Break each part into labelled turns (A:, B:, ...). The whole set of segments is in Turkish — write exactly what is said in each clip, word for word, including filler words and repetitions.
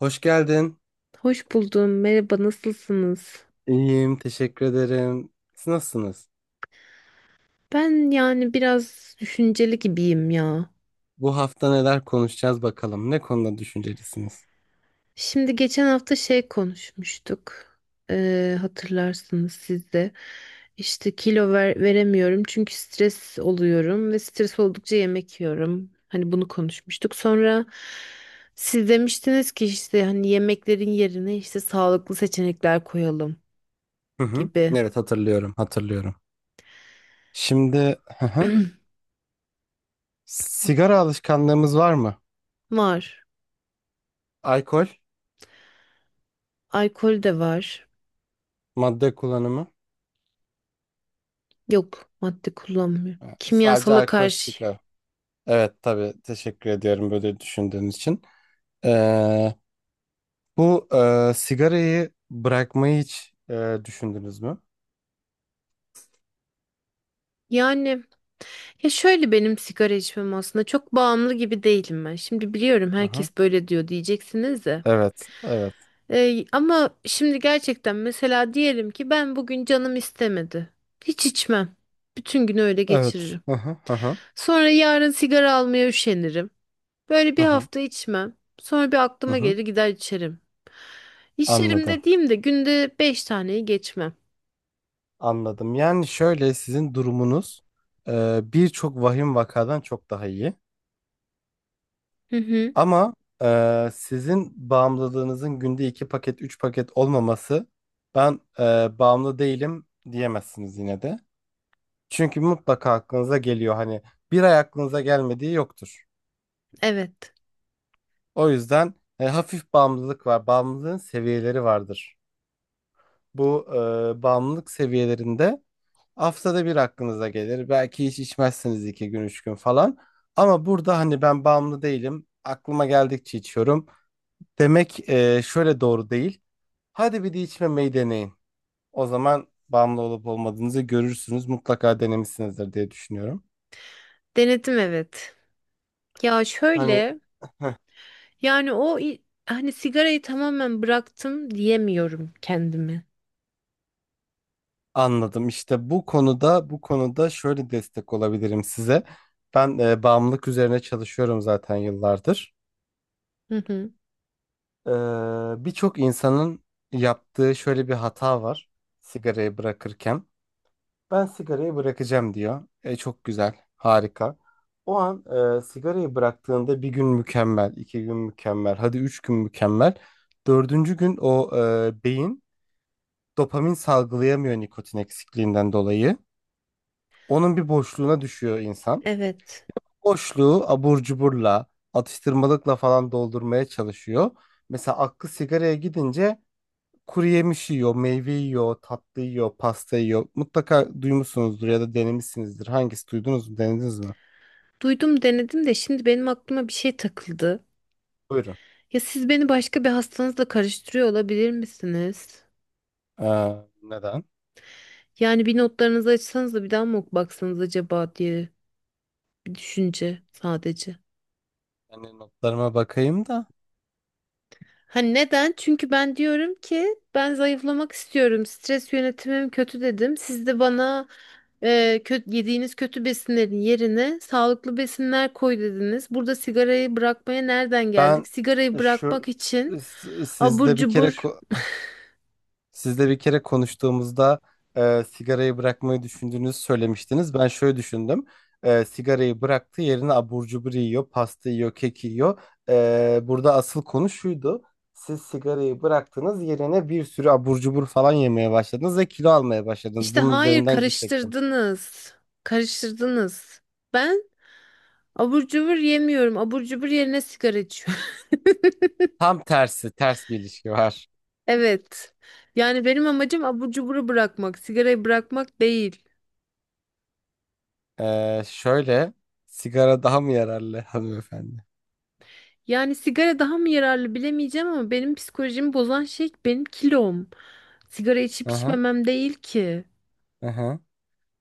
A: Hoş geldin.
B: Hoş buldum. Merhaba, nasılsınız?
A: İyiyim, teşekkür ederim. Siz nasılsınız?
B: Ben yani biraz düşünceli gibiyim ya.
A: Bu hafta neler konuşacağız bakalım. Ne konuda düşüncelisiniz?
B: Şimdi geçen hafta şey konuşmuştuk. Ee, hatırlarsınız siz de. İşte kilo ver- veremiyorum çünkü stres oluyorum ve stres oldukça yemek yiyorum. Hani bunu konuşmuştuk. Sonra siz demiştiniz ki işte hani yemeklerin yerine işte sağlıklı seçenekler koyalım
A: Hı hı.
B: gibi.
A: Evet, hatırlıyorum, hatırlıyorum. Şimdi, hı hı. Sigara alışkanlığımız var mı?
B: Var.
A: Alkol,
B: Alkol de var.
A: madde kullanımı.
B: Yok, madde kullanmıyorum.
A: Ee, Sadece
B: Kimyasala
A: alkol,
B: karşı.
A: sigara. Evet, tabii. Teşekkür ediyorum böyle düşündüğün için. Ee, bu e, sigarayı bırakmayı hiç e, düşündünüz mü?
B: Yani ya şöyle benim sigara içmem aslında çok bağımlı gibi değilim ben. Şimdi biliyorum
A: Hı hı.
B: herkes böyle diyor diyeceksiniz de.
A: Evet, evet,
B: Ee, ama şimdi gerçekten mesela diyelim ki ben bugün canım istemedi. Hiç içmem. Bütün günü öyle
A: evet.
B: geçiririm.
A: Hı hı, hı hı.
B: Sonra yarın sigara almaya üşenirim. Böyle
A: Hı
B: bir
A: hı.
B: hafta içmem. Sonra bir
A: Hı
B: aklıma
A: hı.
B: gelir gider içerim. İçerim
A: Anladım,
B: dediğimde günde beş taneyi geçmem.
A: anladım. Yani şöyle sizin durumunuz e, birçok vahim vakadan çok daha iyi.
B: Hı hı,
A: Ama e, sizin bağımlılığınızın günde iki paket, üç paket olmaması ben e, bağımlı değilim diyemezsiniz yine de. Çünkü mutlaka aklınıza geliyor hani bir ay aklınıza gelmediği yoktur.
B: evet.
A: O yüzden e, hafif bağımlılık var. Bağımlılığın seviyeleri vardır. Bu e, bağımlılık seviyelerinde Haftada bir aklınıza gelir. Belki hiç içmezsiniz iki gün, üç gün falan. Ama burada hani ben bağımlı değilim. Aklıma geldikçe içiyorum. Demek e, şöyle doğru değil. Hadi bir de içmemeyi deneyin. O zaman bağımlı olup olmadığınızı görürsünüz. Mutlaka denemişsinizdir diye düşünüyorum.
B: Denedim evet. Ya
A: Hani
B: şöyle yani o i- hani sigarayı tamamen bıraktım diyemiyorum kendime.
A: anladım. İşte bu konuda bu konuda şöyle destek olabilirim size. Ben e, bağımlılık üzerine çalışıyorum zaten yıllardır.
B: Hı hı.
A: Ee, Birçok insanın yaptığı şöyle bir hata var sigarayı bırakırken. Ben sigarayı bırakacağım diyor. E, çok güzel, harika. O an e, sigarayı bıraktığında bir gün mükemmel, iki gün mükemmel, hadi üç gün mükemmel. Dördüncü gün o e, beyin dopamin salgılayamıyor nikotin eksikliğinden dolayı. Onun bir boşluğuna düşüyor insan.
B: Evet.
A: Boşluğu abur cuburla, atıştırmalıkla falan doldurmaya çalışıyor. Mesela aklı sigaraya gidince Kuru yemiş yiyor, meyve yiyor, tatlı yiyor, pasta yiyor. Mutlaka duymuşsunuzdur ya da denemişsinizdir. Hangisi duydunuz mu, denediniz mi?
B: Duydum denedim de şimdi benim aklıma bir şey takıldı.
A: Buyurun.
B: Ya siz beni başka bir hastanızla karıştırıyor olabilir misiniz?
A: Ee, Neden?
B: Yani bir notlarınızı açsanız da bir daha mı baksanız acaba diye bir düşünce sadece.
A: Yani notlarıma bakayım da.
B: Hani neden? Çünkü ben diyorum ki ben zayıflamak istiyorum. Stres yönetimim kötü dedim. Siz de bana e, kötü, yediğiniz kötü besinlerin yerine sağlıklı besinler koy dediniz. Burada sigarayı bırakmaya nereden
A: Ben
B: geldik? Sigarayı bırakmak
A: şu
B: için
A: s-
B: abur
A: sizde bir kere
B: cubur
A: ko- Sizle bir kere konuştuğumuzda e, sigarayı bırakmayı düşündüğünüzü söylemiştiniz. Ben şöyle düşündüm. E, sigarayı bıraktı, yerine abur cubur yiyor, pasta yiyor, kek yiyor. E, burada asıl konu şuydu. Siz sigarayı bıraktınız, yerine bir sürü abur cubur falan yemeye başladınız ve kilo almaya başladınız.
B: işte
A: Bunun
B: hayır
A: üzerinden gidecektim.
B: karıştırdınız. Karıştırdınız. Ben abur cubur yemiyorum. Abur cubur yerine sigara içiyorum.
A: Tam tersi, ters bir ilişki var.
B: Evet. Yani benim amacım abur cuburu bırakmak, sigarayı bırakmak değil.
A: E, şöyle, sigara daha mı yararlı hanımefendi?
B: Yani sigara daha mı yararlı bilemeyeceğim ama benim psikolojimi bozan şey benim kilom. Sigara içip
A: Aha,
B: içmemem değil ki.
A: aha.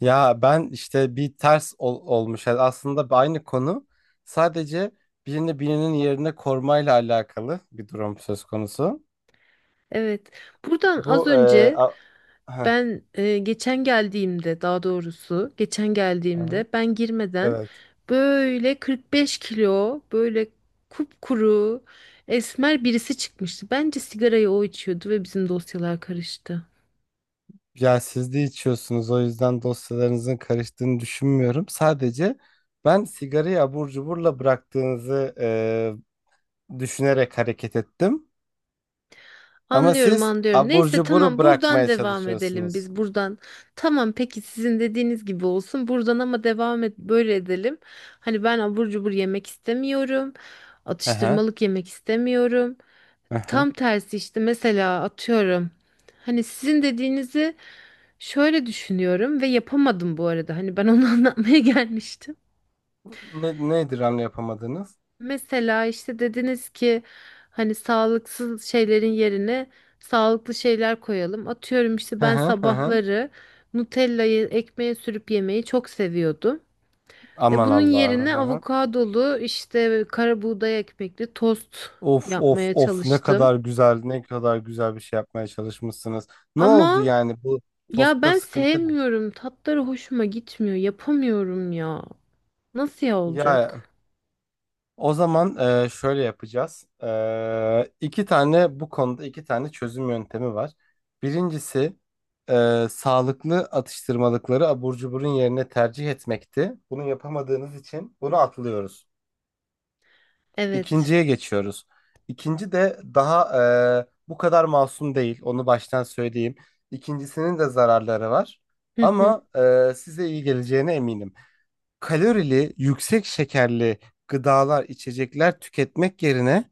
A: Ya ben işte bir ters ol- olmuş. Yani aslında aynı konu. Sadece birini birinin yerine korumayla alakalı bir durum söz konusu.
B: Evet. Buradan az
A: Bu e,
B: önce
A: a- Heh,
B: ben e, geçen geldiğimde, daha doğrusu geçen
A: aha,
B: geldiğimde ben girmeden
A: evet.
B: böyle kırk beş kilo böyle kupkuru esmer birisi çıkmıştı. Bence sigarayı o içiyordu ve bizim dosyalar karıştı.
A: Ya siz de içiyorsunuz o yüzden dosyalarınızın karıştığını düşünmüyorum. Sadece ben sigarayı abur cuburla bıraktığınızı e, düşünerek hareket ettim. Ama
B: Anlıyorum,
A: siz
B: anlıyorum.
A: abur
B: Neyse
A: cuburu
B: tamam buradan
A: bırakmaya
B: devam edelim
A: çalışıyorsunuz.
B: biz buradan. Tamam, peki sizin dediğiniz gibi olsun. Buradan ama devam et böyle edelim. Hani ben abur cubur yemek istemiyorum.
A: Aha,
B: Atıştırmalık yemek istemiyorum.
A: aha.
B: Tam tersi işte mesela atıyorum. Hani sizin dediğinizi şöyle düşünüyorum ve yapamadım bu arada. Hani ben onu anlatmaya gelmiştim.
A: Ne, nedir hamle yapamadınız?
B: Mesela işte dediniz ki hani sağlıksız şeylerin yerine sağlıklı şeyler koyalım. Atıyorum işte
A: Hı
B: ben
A: hı hı. hı.
B: sabahları Nutella'yı ekmeğe sürüp yemeyi çok seviyordum. E
A: Aman
B: bunun
A: Allah'ım.
B: yerine
A: Hı hı.
B: avokadolu işte kara buğday ekmekli tost
A: Of of
B: yapmaya
A: of ne
B: çalıştım.
A: kadar güzel ne kadar güzel bir şey yapmaya çalışmışsınız. Ne
B: Ama
A: oldu yani bu
B: ya
A: tostta
B: ben
A: sıkıntı ne?
B: sevmiyorum. Tatları hoşuma gitmiyor. Yapamıyorum ya. Nasıl ya
A: Ya
B: olacak?
A: o zaman e, şöyle yapacağız. E, iki tane bu konuda iki tane çözüm yöntemi var. Birincisi e, sağlıklı atıştırmalıkları abur cuburun yerine tercih etmekti. Bunu yapamadığınız için bunu atlıyoruz.
B: Evet.
A: İkinciye geçiyoruz. İkinci de daha e, bu kadar masum değil. Onu baştan söyleyeyim. İkincisinin de zararları var.
B: Hı hı.
A: Ama e, size iyi geleceğine eminim. Kalorili, yüksek şekerli gıdalar, içecekler tüketmek yerine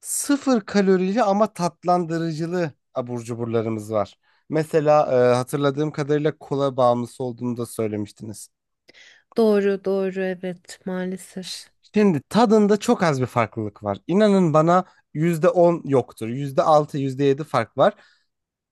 A: sıfır kalorili ama tatlandırıcılı abur cuburlarımız var. Mesela e, hatırladığım kadarıyla kola bağımlısı olduğunu da söylemiştiniz.
B: Doğru, doğru, evet maalesef.
A: Şimdi tadında çok az bir farklılık var. İnanın bana yüzde on yoktur. yüzde altı yüzde yedi fark var.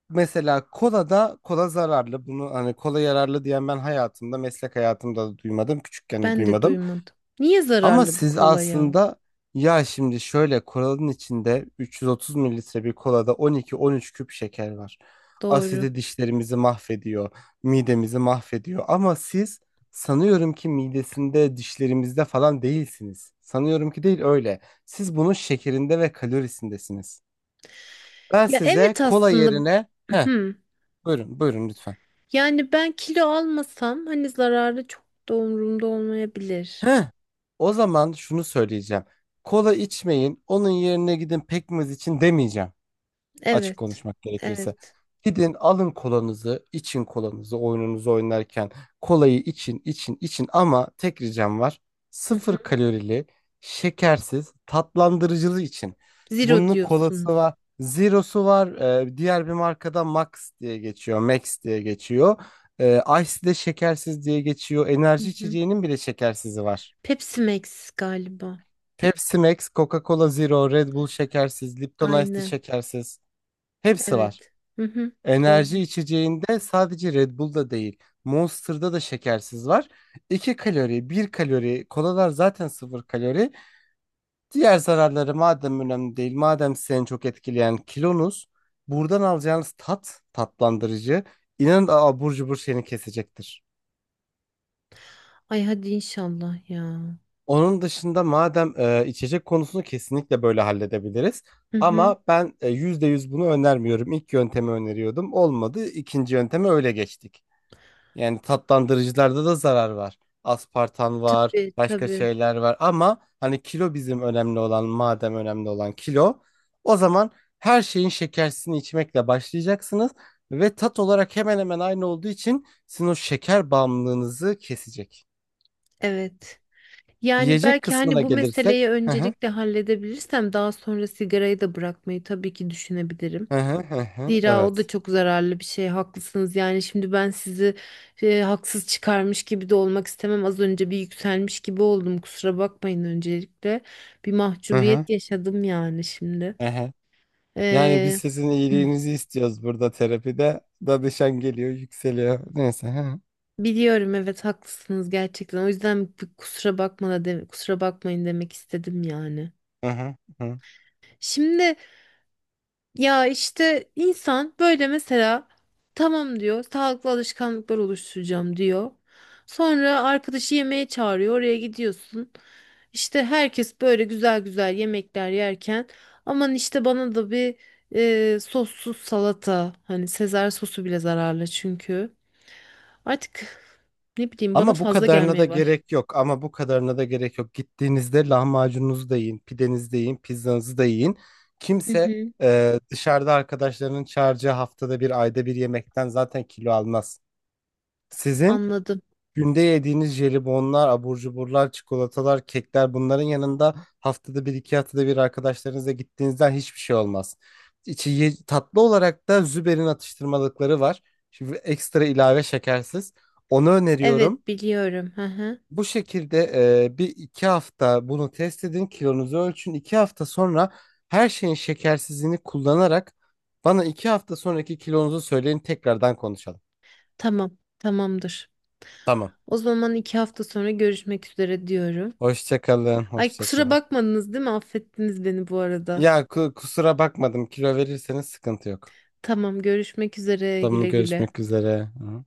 A: Mesela kola da kola zararlı. Bunu hani kola yararlı diyen ben hayatımda, meslek hayatımda da duymadım. Küçükken de
B: Ben de
A: duymadım.
B: duymadım. Niye
A: Ama
B: zararlı bu
A: siz
B: kola ya?
A: aslında ya şimdi şöyle kolanın içinde 330 mililitre bir kolada on iki on üç küp şeker var.
B: Doğru.
A: Asidi dişlerimizi mahvediyor, midemizi mahvediyor. Ama siz sanıyorum ki midesinde, dişlerimizde falan değilsiniz. Sanıyorum ki değil öyle. Siz bunun şekerinde ve kalorisindesiniz. Ben
B: Ya
A: size
B: evet
A: kola
B: aslında
A: yerine... Heh,
B: hmm.
A: buyurun, buyurun lütfen.
B: Yani ben kilo almasam hani zararlı çok da umurumda olmayabilir.
A: Heh, o zaman şunu söyleyeceğim. Kola içmeyin, onun yerine gidin pekmez için demeyeceğim. Açık
B: Evet.
A: konuşmak gerekirse.
B: Evet.
A: Gidin alın kolanızı, için kolanızı oyununuzu oynarken. Kolayı için, için, için ama tek ricam var.
B: Hı hı.
A: Sıfır kalorili, şekersiz, tatlandırıcılı için.
B: Zero
A: Bunun kolası
B: diyorsunuz.
A: var, zero'su var. Ee, diğer bir markada Max diye geçiyor, Max diye geçiyor. Ee, Ice de şekersiz diye geçiyor.
B: Hı
A: Enerji
B: hı.
A: içeceğinin bile şekersizi var.
B: Pepsi Max galiba.
A: Pepsi Max, Coca-Cola Zero, Red Bull şekersiz, Lipton Ice de
B: Aynı.
A: şekersiz. Hepsi var.
B: Evet. Hı hı. Doğru.
A: Enerji içeceğinde sadece Red Bull'da değil, Monster'da da şekersiz var. 2 kalori, bir kalori, kolalar zaten sıfır kalori. Diğer zararları madem önemli değil, madem seni çok etkileyen kilonuz, buradan alacağınız tat, tatlandırıcı, inanın abur cubur seni kesecektir.
B: Ay hadi inşallah ya.
A: Onun dışında madem e, içecek konusunu kesinlikle böyle halledebiliriz.
B: Hı hı.
A: Ama ben e, yüzde yüz bunu önermiyorum. İlk yöntemi öneriyordum. Olmadı. İkinci yönteme öyle geçtik. Yani tatlandırıcılarda da zarar var. Aspartan var,
B: Tabii
A: başka
B: tabii.
A: şeyler var ama hani kilo bizim önemli olan, madem önemli olan kilo, o zaman her şeyin şekersini içmekle başlayacaksınız ve tat olarak hemen hemen aynı olduğu için sizin o şeker bağımlılığınızı kesecek.
B: Evet. Yani
A: Yiyecek
B: belki hani
A: kısmına
B: bu meseleyi
A: gelirsek, hı hı,
B: öncelikle halledebilirsem daha sonra sigarayı da bırakmayı tabii ki düşünebilirim.
A: hı hı, hı hı,
B: Zira o da
A: evet.
B: çok zararlı bir şey. Haklısınız. Yani şimdi ben sizi e, haksız çıkarmış gibi de olmak istemem. Az önce bir yükselmiş gibi oldum. Kusura bakmayın öncelikle. Bir
A: Hı hı,
B: mahcubiyet yaşadım yani şimdi.
A: hı hı. Yani biz
B: Ee,
A: sizin
B: hı,
A: iyiliğinizi istiyoruz burada terapide. Danışan geliyor, yükseliyor. Neyse.
B: Biliyorum, evet haklısınız gerçekten. O yüzden bir kusura bakma da deme- kusura bakmayın demek istedim yani.
A: Hı hı, hı hı.
B: Şimdi ya işte insan böyle mesela tamam diyor, sağlıklı alışkanlıklar oluşturacağım diyor. Sonra arkadaşı yemeğe çağırıyor, oraya gidiyorsun. İşte herkes böyle güzel güzel yemekler yerken aman işte bana da bir e, sossuz salata, hani Sezar sosu bile zararlı çünkü. Artık ne bileyim bana
A: Ama bu
B: fazla
A: kadarına da
B: gelmeye baş.
A: gerek yok. Ama bu kadarına da gerek yok. Gittiğinizde lahmacununuzu da yiyin, pidenizi de yiyin, pizzanızı da yiyin.
B: Hı
A: Kimse
B: hı,
A: e, dışarıda arkadaşlarının çağıracağı haftada bir, ayda bir yemekten zaten kilo almaz. Sizin
B: anladım.
A: günde yediğiniz jelibonlar, abur cuburlar, çikolatalar, kekler bunların yanında haftada bir, iki haftada bir arkadaşlarınızla gittiğinizden hiçbir şey olmaz. İçi ye- tatlı olarak da Züber'in atıştırmalıkları var. Şimdi ekstra ilave şekersiz. Onu öneriyorum.
B: Evet biliyorum. Hı hı.
A: Bu şekilde e, bir iki hafta bunu test edin, kilonuzu ölçün. İki hafta sonra her şeyin şekersizliğini kullanarak bana iki hafta sonraki kilonuzu söyleyin tekrardan konuşalım.
B: Tamam tamamdır.
A: Tamam.
B: O zaman iki hafta sonra görüşmek üzere diyorum.
A: Hoşça kalın,
B: Ay
A: hoşça
B: kusura
A: kalın.
B: bakmadınız değil mi? Affettiniz beni bu arada.
A: Ya ku- kusura bakmadım. Kilo verirseniz sıkıntı yok.
B: Tamam görüşmek üzere,
A: Tamam
B: güle güle.
A: görüşmek üzere. Hı.